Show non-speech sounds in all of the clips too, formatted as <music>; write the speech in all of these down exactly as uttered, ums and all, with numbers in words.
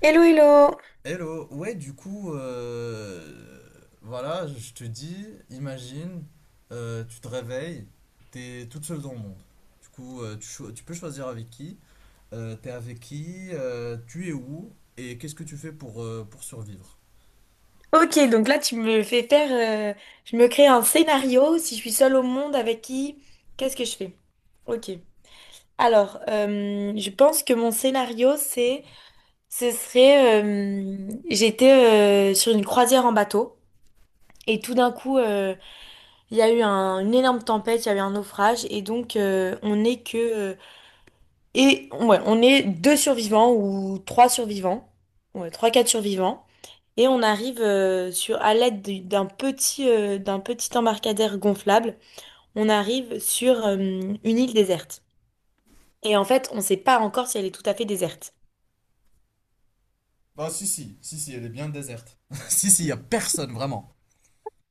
Hello, hello. Hello, ouais, du coup, euh, voilà, je te dis, imagine, euh, tu te réveilles, t'es toute seule dans le monde. Du coup, euh, tu, cho- tu peux choisir avec qui, euh, t'es avec qui, euh, tu es où, et qu'est-ce que tu fais pour, euh, pour survivre? <laughs> Ok, donc là, tu me fais faire. Euh, je me crée un scénario. Si je suis seule au monde, avec qui? Qu'est-ce que je fais? Ok. Alors, euh, je pense que mon scénario, c'est. Ce serait. Euh, j'étais euh, sur une croisière en bateau. Et tout d'un coup, euh, il y a eu un- une énorme tempête, il y a eu un naufrage. Et donc, euh, on n'est que. Euh, et ouais, on est deux survivants ou trois survivants. Ouais, trois, quatre survivants. Et on arrive euh, sur à l'aide du- d'un petit euh, d'un petit embarcadère gonflable, on arrive sur euh, une île déserte. Et en fait, on ne sait pas encore si elle est tout à fait déserte. Bah si si, si si, elle est bien déserte. <laughs> Si, si, y a personne, vraiment.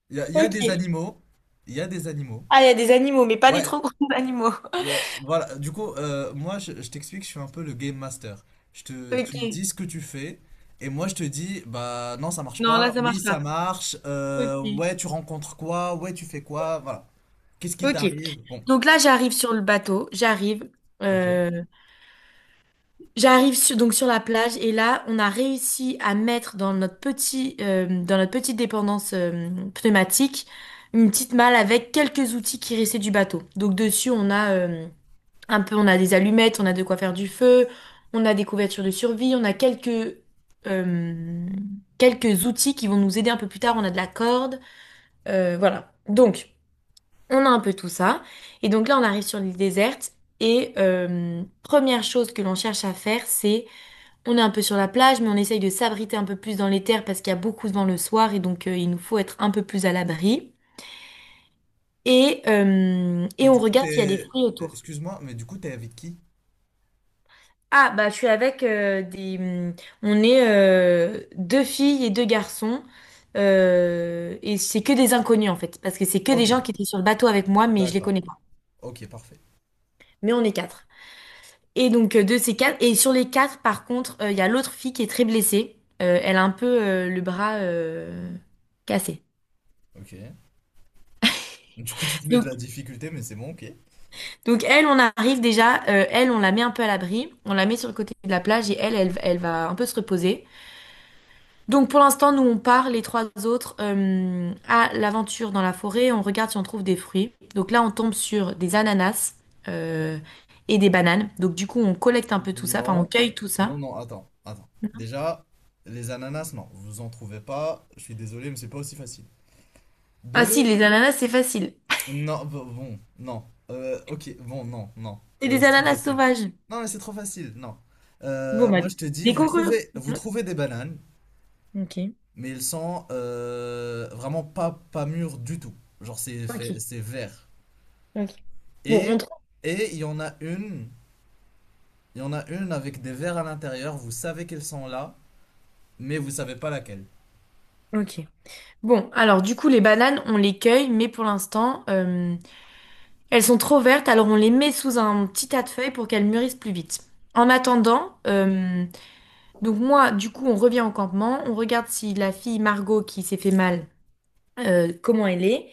Y a, y a Ok. des animaux, y a des animaux. Ah, il y a des animaux, mais pas des Ouais, trop gros <laughs> animaux. Euh, voilà, du coup, euh, moi, je, je t'explique, je suis un peu le game master. Je te, tu me Ok. dis ce que tu fais, et moi, je te dis, bah non, ça marche Non, là, pas, ça oui, marche ça pas. marche, Ok. euh, ouais, tu rencontres quoi, ouais, tu fais quoi, voilà. Qu'est-ce qui Ok. t'arrive? Bon, Donc là, j'arrive sur le bateau. J'arrive. ok. euh, J'arrive sur- donc sur la plage et là, on a réussi à mettre dans notre petit, euh, dans notre petite dépendance euh, pneumatique une petite malle avec quelques outils qui restaient du bateau. Donc dessus, on a euh, un peu, on a des allumettes, on a de quoi faire du feu, on a des couvertures de survie, on a quelques euh, quelques outils qui vont nous aider un peu plus tard. On a de la corde, euh, voilà. Donc, on a un peu tout ça. Et donc là, on arrive sur l'île déserte et euh, première chose que l'on cherche à faire, c'est on est un peu sur la plage, mais on essaye de s'abriter un peu plus dans les terres parce qu'il y a beaucoup de vent le soir et donc euh, il nous faut être un peu plus à l'abri. Et, euh, Et et on du coup, regarde s'il y a des t'es... fruits autour. excuse-moi, mais du coup, t'es avec qui? Ah, bah je suis avec euh, des... hum, on est euh, deux filles et deux garçons. Euh, et c'est que des inconnus en fait, parce que c'est que des Ok, gens qui étaient sur le bateau avec moi, mais je les d'accord. connais pas. Ok, parfait. Mais on est quatre. Et donc euh, de ces quatre, et sur les quatre, par contre, euh, il y a l'autre fille qui est très blessée. Euh, elle a un peu euh, le bras euh, cassé. Ok. Du coup, tu te mets de la difficulté, mais c'est bon, ok. Donc elle, on arrive déjà, euh, elle, on la met un peu à l'abri, on la met sur le côté de la plage et elle, elle, elle va un peu se reposer. Donc pour l'instant, nous, on part, les trois autres, euh, à l'aventure dans la forêt, on regarde si on trouve des fruits. Donc là, on tombe sur des ananas euh, et des bananes. Donc du coup, on collecte un peu tout ça, enfin, on Non, cueille tout ça. non, non, attends, attends. Déjà, les ananas, non, vous en trouvez pas, je suis désolé, mais c'est pas aussi facile. Ah si, Deux. les ananas, c'est facile. Non, bon, bon, non. Euh, ok, bon, non, non. C'est Euh, des c'est trop ananas facile. sauvages. Non, mais c'est trop facile, non. Bon, Euh, bah, moi, des je te dis, des vous cocos. trouvez, vous trouvez des bananes, Ok, mais elles sont euh, vraiment pas, pas mûres du tout. Genre, c'est ok, fait- c'est vert. ok. Bon, on Et, trouve. et il y en a une, il y en a une avec des vers à l'intérieur, vous savez qu'elles sont là, mais vous savez pas laquelle. Ok. Bon, alors du coup, les bananes, on les cueille, mais pour l'instant, euh, elles sont trop vertes, alors on les met sous un petit tas de feuilles pour qu'elles mûrissent plus vite. En attendant, euh, donc moi, du coup, on revient au campement, on regarde si la fille Margot qui s'est fait mal, euh, comment elle est,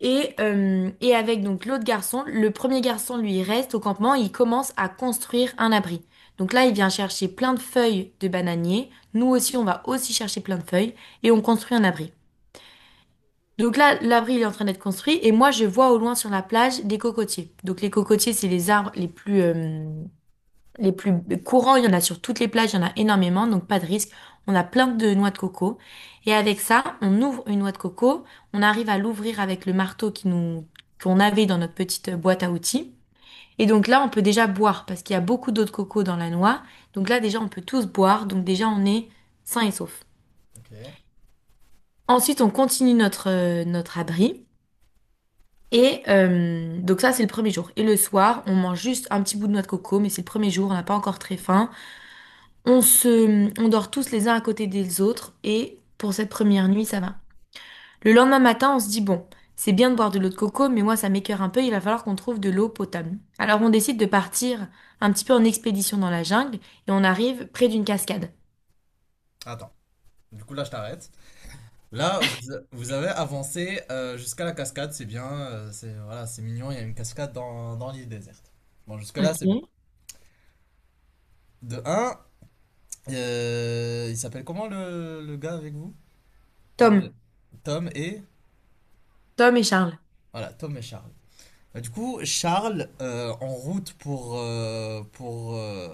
et, euh, et avec donc l'autre garçon, le premier garçon, lui, il reste au campement, il commence à construire un abri. Donc là, il vient chercher plein de feuilles de bananier, nous aussi, on va aussi chercher plein de feuilles, et on construit un abri. Donc là, l'abri il est en train d'être construit et moi je vois au loin sur la plage des cocotiers. Donc les cocotiers, c'est les arbres les plus euh, les plus courants. Il y en a sur toutes les plages, il y en a énormément, donc pas de risque. On a plein de noix de coco et avec ça, on ouvre une noix de coco. On arrive à l'ouvrir avec le marteau qui nous qu'on avait dans notre petite boîte à outils. Et donc là, on peut déjà boire parce qu'il y a beaucoup d'eau de coco dans la noix. Donc là, déjà, on peut tous boire. Donc déjà, on est sain et sauf. Ok. Ensuite, on continue notre euh, notre abri. Et euh, donc ça, c'est le premier jour. Et le soir, on mange juste un petit bout de noix de coco, mais c'est le premier jour, on n'a pas encore très faim. On se, on dort tous les uns à côté des autres, et pour cette première nuit, ça va. Le lendemain matin, on se dit, bon, c'est bien de boire de l'eau de coco, mais moi, ça m'écœure un peu, il va falloir qu'on trouve de l'eau potable. Alors on décide de partir un petit peu en expédition dans la jungle, et on arrive près d'une cascade. Attends, du coup, là, je t'arrête. Là, vous, a- vous avez avancé euh, jusqu'à la cascade, c'est bien, euh, c'est voilà, c'est mignon, il y a une cascade dans, dans l'île déserte. Bon, jusque-là, c'est bien. Ok. De un, il s'appelle comment le, le gars avec vous? Un Tom, de- Tom et... Tom et Charles. Voilà, Tom et Charles. Bah, du coup, Charles, euh, en route pour, euh, pour, euh,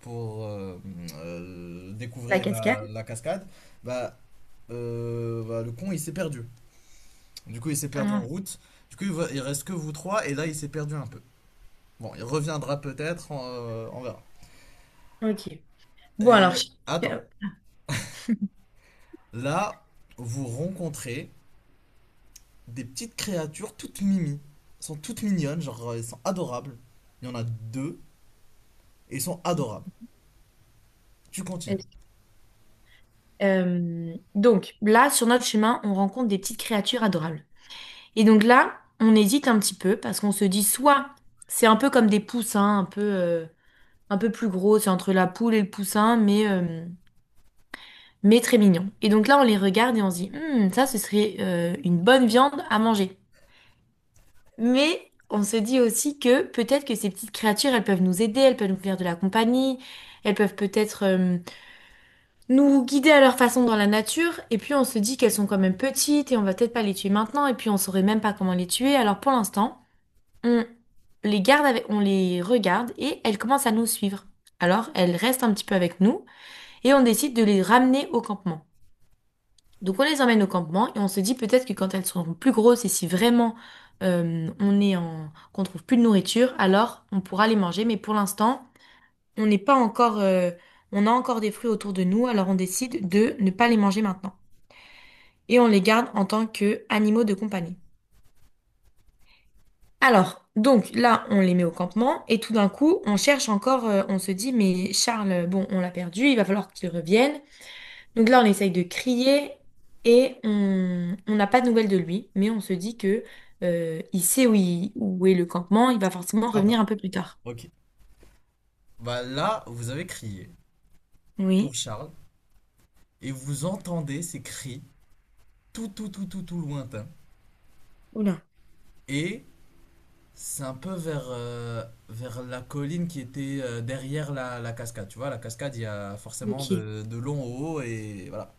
pour euh, euh, La découvrir cascade? la, la cascade, bah, euh, bah, le con, il s'est perdu. Du coup, il s'est Ah perdu en non. route. Du coup, il va- il reste que vous trois, et là, il s'est perdu un peu. Bon, il reviendra peut-être, on, euh, on verra. Ok. Bon alors, Et attends, Charles, là, vous rencontrez des petites créatures toutes mimi. Elles sont toutes mignonnes, genre, euh, elles sont adorables. Il y en a deux, et elles sont adorables. Tu continues. Euh, donc là, sur notre chemin, on rencontre des petites créatures adorables. Et donc là, on hésite un petit peu parce qu'on se dit soit c'est un peu comme des poussins, un peu, euh, un peu plus gros, c'est entre la poule et le poussin, mais, euh, mais très mignon. Et donc là, on les regarde et on se dit, hmm, ça, ce serait euh, une bonne viande à manger. Mais on se dit aussi que peut-être que ces petites créatures, elles peuvent nous aider, elles peuvent nous faire de la compagnie, elles peuvent peut-être... euh, nous guider à leur façon dans la nature, et puis on se dit qu'elles sont quand même petites et on va peut-être pas les tuer maintenant, et puis on saurait même pas comment les tuer. Alors pour l'instant, on les garde avec, on les regarde et elles commencent à nous suivre. Alors elles restent un petit peu avec nous et on décide de les ramener au campement. Donc on les emmène au campement et on se dit peut-être que quand elles seront plus grosses et si vraiment euh, on est en, qu'on trouve plus de nourriture, alors on pourra les manger. Mais pour l'instant, on n'est pas encore, euh, on a encore des fruits autour de nous, alors on décide de ne pas les manger maintenant. Et on les garde en tant que animaux de compagnie. Alors, donc là, on les met au campement et tout d'un coup, on cherche encore, euh, on se dit, mais Charles, euh, bon, on l'a perdu, il va falloir qu'il revienne. Donc là, on essaye de crier et on on n'a pas de nouvelles de lui, mais on se dit que euh, il sait où, il- où est le campement, il va forcément Attends, revenir un peu plus tard. ok. Bah là, vous avez crié pour Oui. Charles, et vous entendez ces cris tout, tout, tout, tout, tout lointains. Oula. Et c'est un peu vers, euh, vers la colline qui était euh, derrière la, la cascade. Tu vois, la cascade, il y a forcément Ok. de, de long au haut et voilà.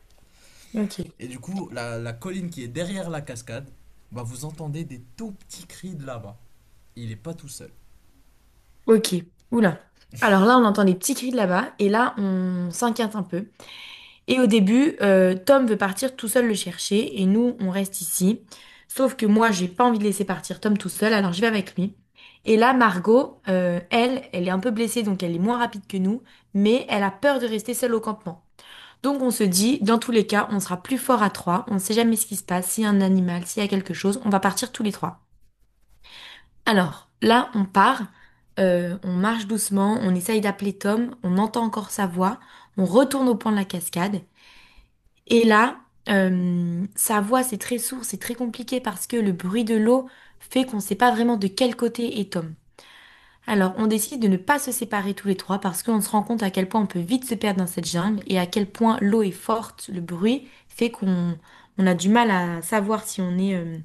Ok. Et du coup, la, la colline qui est derrière la cascade, bah vous entendez des tout petits cris de là-bas. Il est pas tout seul. Ok. Oula. Alors là, on entend des petits cris de là-bas et là, on s'inquiète un peu. Et au début, euh, Tom veut partir tout seul le chercher et nous, on reste ici. Sauf que moi, j'ai pas envie de laisser partir Tom tout seul, alors je vais avec lui. Et là, Margot, euh, elle, elle est un peu blessée, donc elle est moins rapide que nous, mais elle a peur de rester seule au campement. Donc on se dit, dans tous les cas, on sera plus fort à trois, on ne sait jamais ce qui se passe, s'il y a un animal, s'il y a quelque chose, on va partir tous les trois. Alors, là, on part, euh, on marche doucement, on essaye d'appeler Tom, on entend encore sa voix, on retourne au point de la cascade, et là, euh, sa voix, c'est très sourd, c'est très compliqué parce que le bruit de l'eau fait qu'on ne sait pas vraiment de quel côté est Tom. Alors, on décide de ne pas se séparer tous les trois parce qu'on se rend compte à quel point on peut vite se perdre dans cette jungle et à quel point l'eau est forte, le bruit fait qu'on on a du mal à savoir si on est euh,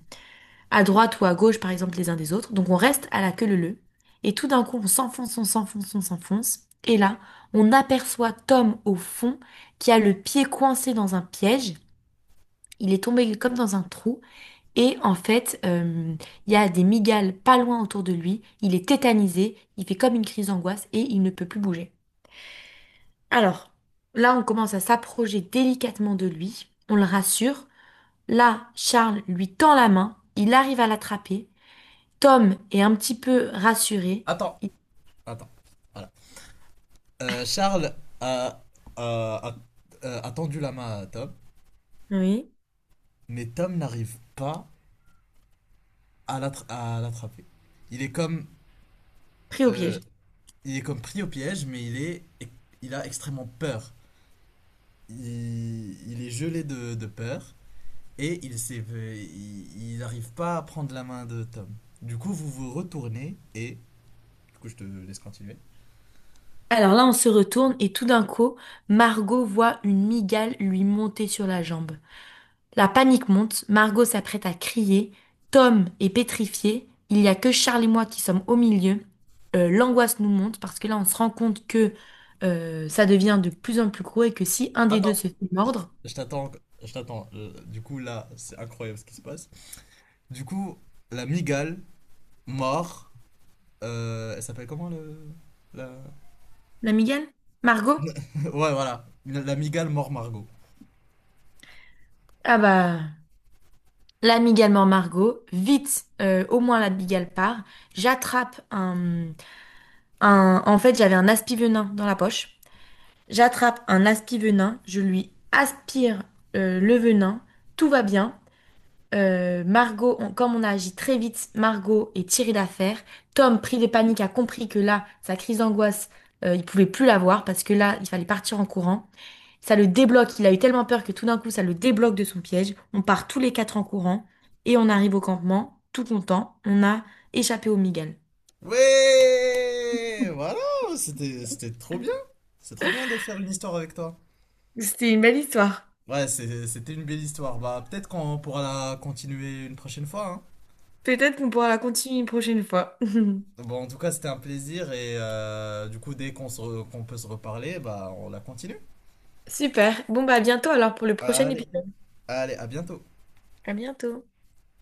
à droite ou à gauche, par exemple, les uns des autres. Donc, on reste à la queue leu leu. Et tout d'un coup, on s'enfonce, on s'enfonce, on s'enfonce. Et là, on aperçoit Tom au fond qui a le pied coincé dans un piège. Il est tombé comme dans un trou et en fait, euh, il y a des migales pas loin autour de lui. Il est tétanisé, il fait comme une crise d'angoisse et il ne peut plus bouger. Alors, là, on commence à s'approcher délicatement de lui. On le rassure. Là, Charles lui tend la main. Il arrive à l'attraper. Tom est un petit peu rassuré. Attends, Il- attends. Voilà. Euh, Charles a, a- a- a- a tendu la main à Tom, Oui, mais Tom n'arrive pas à l'attra- à l'attraper. Il est comme, pris au euh, piège. il est comme pris au piège, mais il est, il a extrêmement peur. il, il est gelé de, de peur et il s'est- il n'arrive pas à prendre la main de Tom. Du coup, vous vous retournez et... Du coup, je te laisse continuer. Alors là, on se retourne et tout d'un coup, Margot voit une migale lui monter sur la jambe. La panique monte, Margot s'apprête à crier, Tom est pétrifié, il n'y a que Charles et moi qui sommes au milieu. Euh, l'angoisse nous monte parce que là on se rend compte que euh, ça devient de plus en plus gros et que si un des deux Attends. se fait mordre, Je t'attends. Je t'attends. Euh, Du coup, là, c'est incroyable ce qui se passe. Du coup, la migale, mort... euh, elle s'appelle comment le... La... l'amigale? Margot? <laughs> ouais, voilà. La, la migale mort Margot. Ah bah l'amigale mord Margot, vite euh, au moins l'amigale part, j'attrape un, un... En fait j'avais un aspi-venin dans la poche, j'attrape un aspi-venin, je lui aspire euh, le venin, tout va bien. Euh, Margot, on- comme on a agi très vite, Margot est tirée d'affaire. Tom, pris de panique, a compris que là, sa crise d'angoisse, euh, il pouvait plus l'avoir parce que là, il fallait partir en courant. Ça le débloque. Il a eu tellement peur que tout d'un coup, ça le débloque de son piège. On part tous les quatre en courant et on arrive au campement, tout content. On a échappé au Miguel. Ouais voilà, c'était c'était trop bien. C'est trop bien de faire une histoire avec toi. C'était une belle histoire. Ouais, c'est- c'était une belle histoire. Bah, peut-être qu'on pourra la continuer une prochaine fois, hein. Peut-être qu'on pourra la continuer une prochaine fois. <laughs> Bon, en tout cas, c'était un plaisir et euh, du coup, dès qu'on se re- qu'on peut se reparler, bah, on la continue. Super. Bon, bah, à bientôt alors pour le prochain Allez, épisode. allez, à bientôt. À bientôt.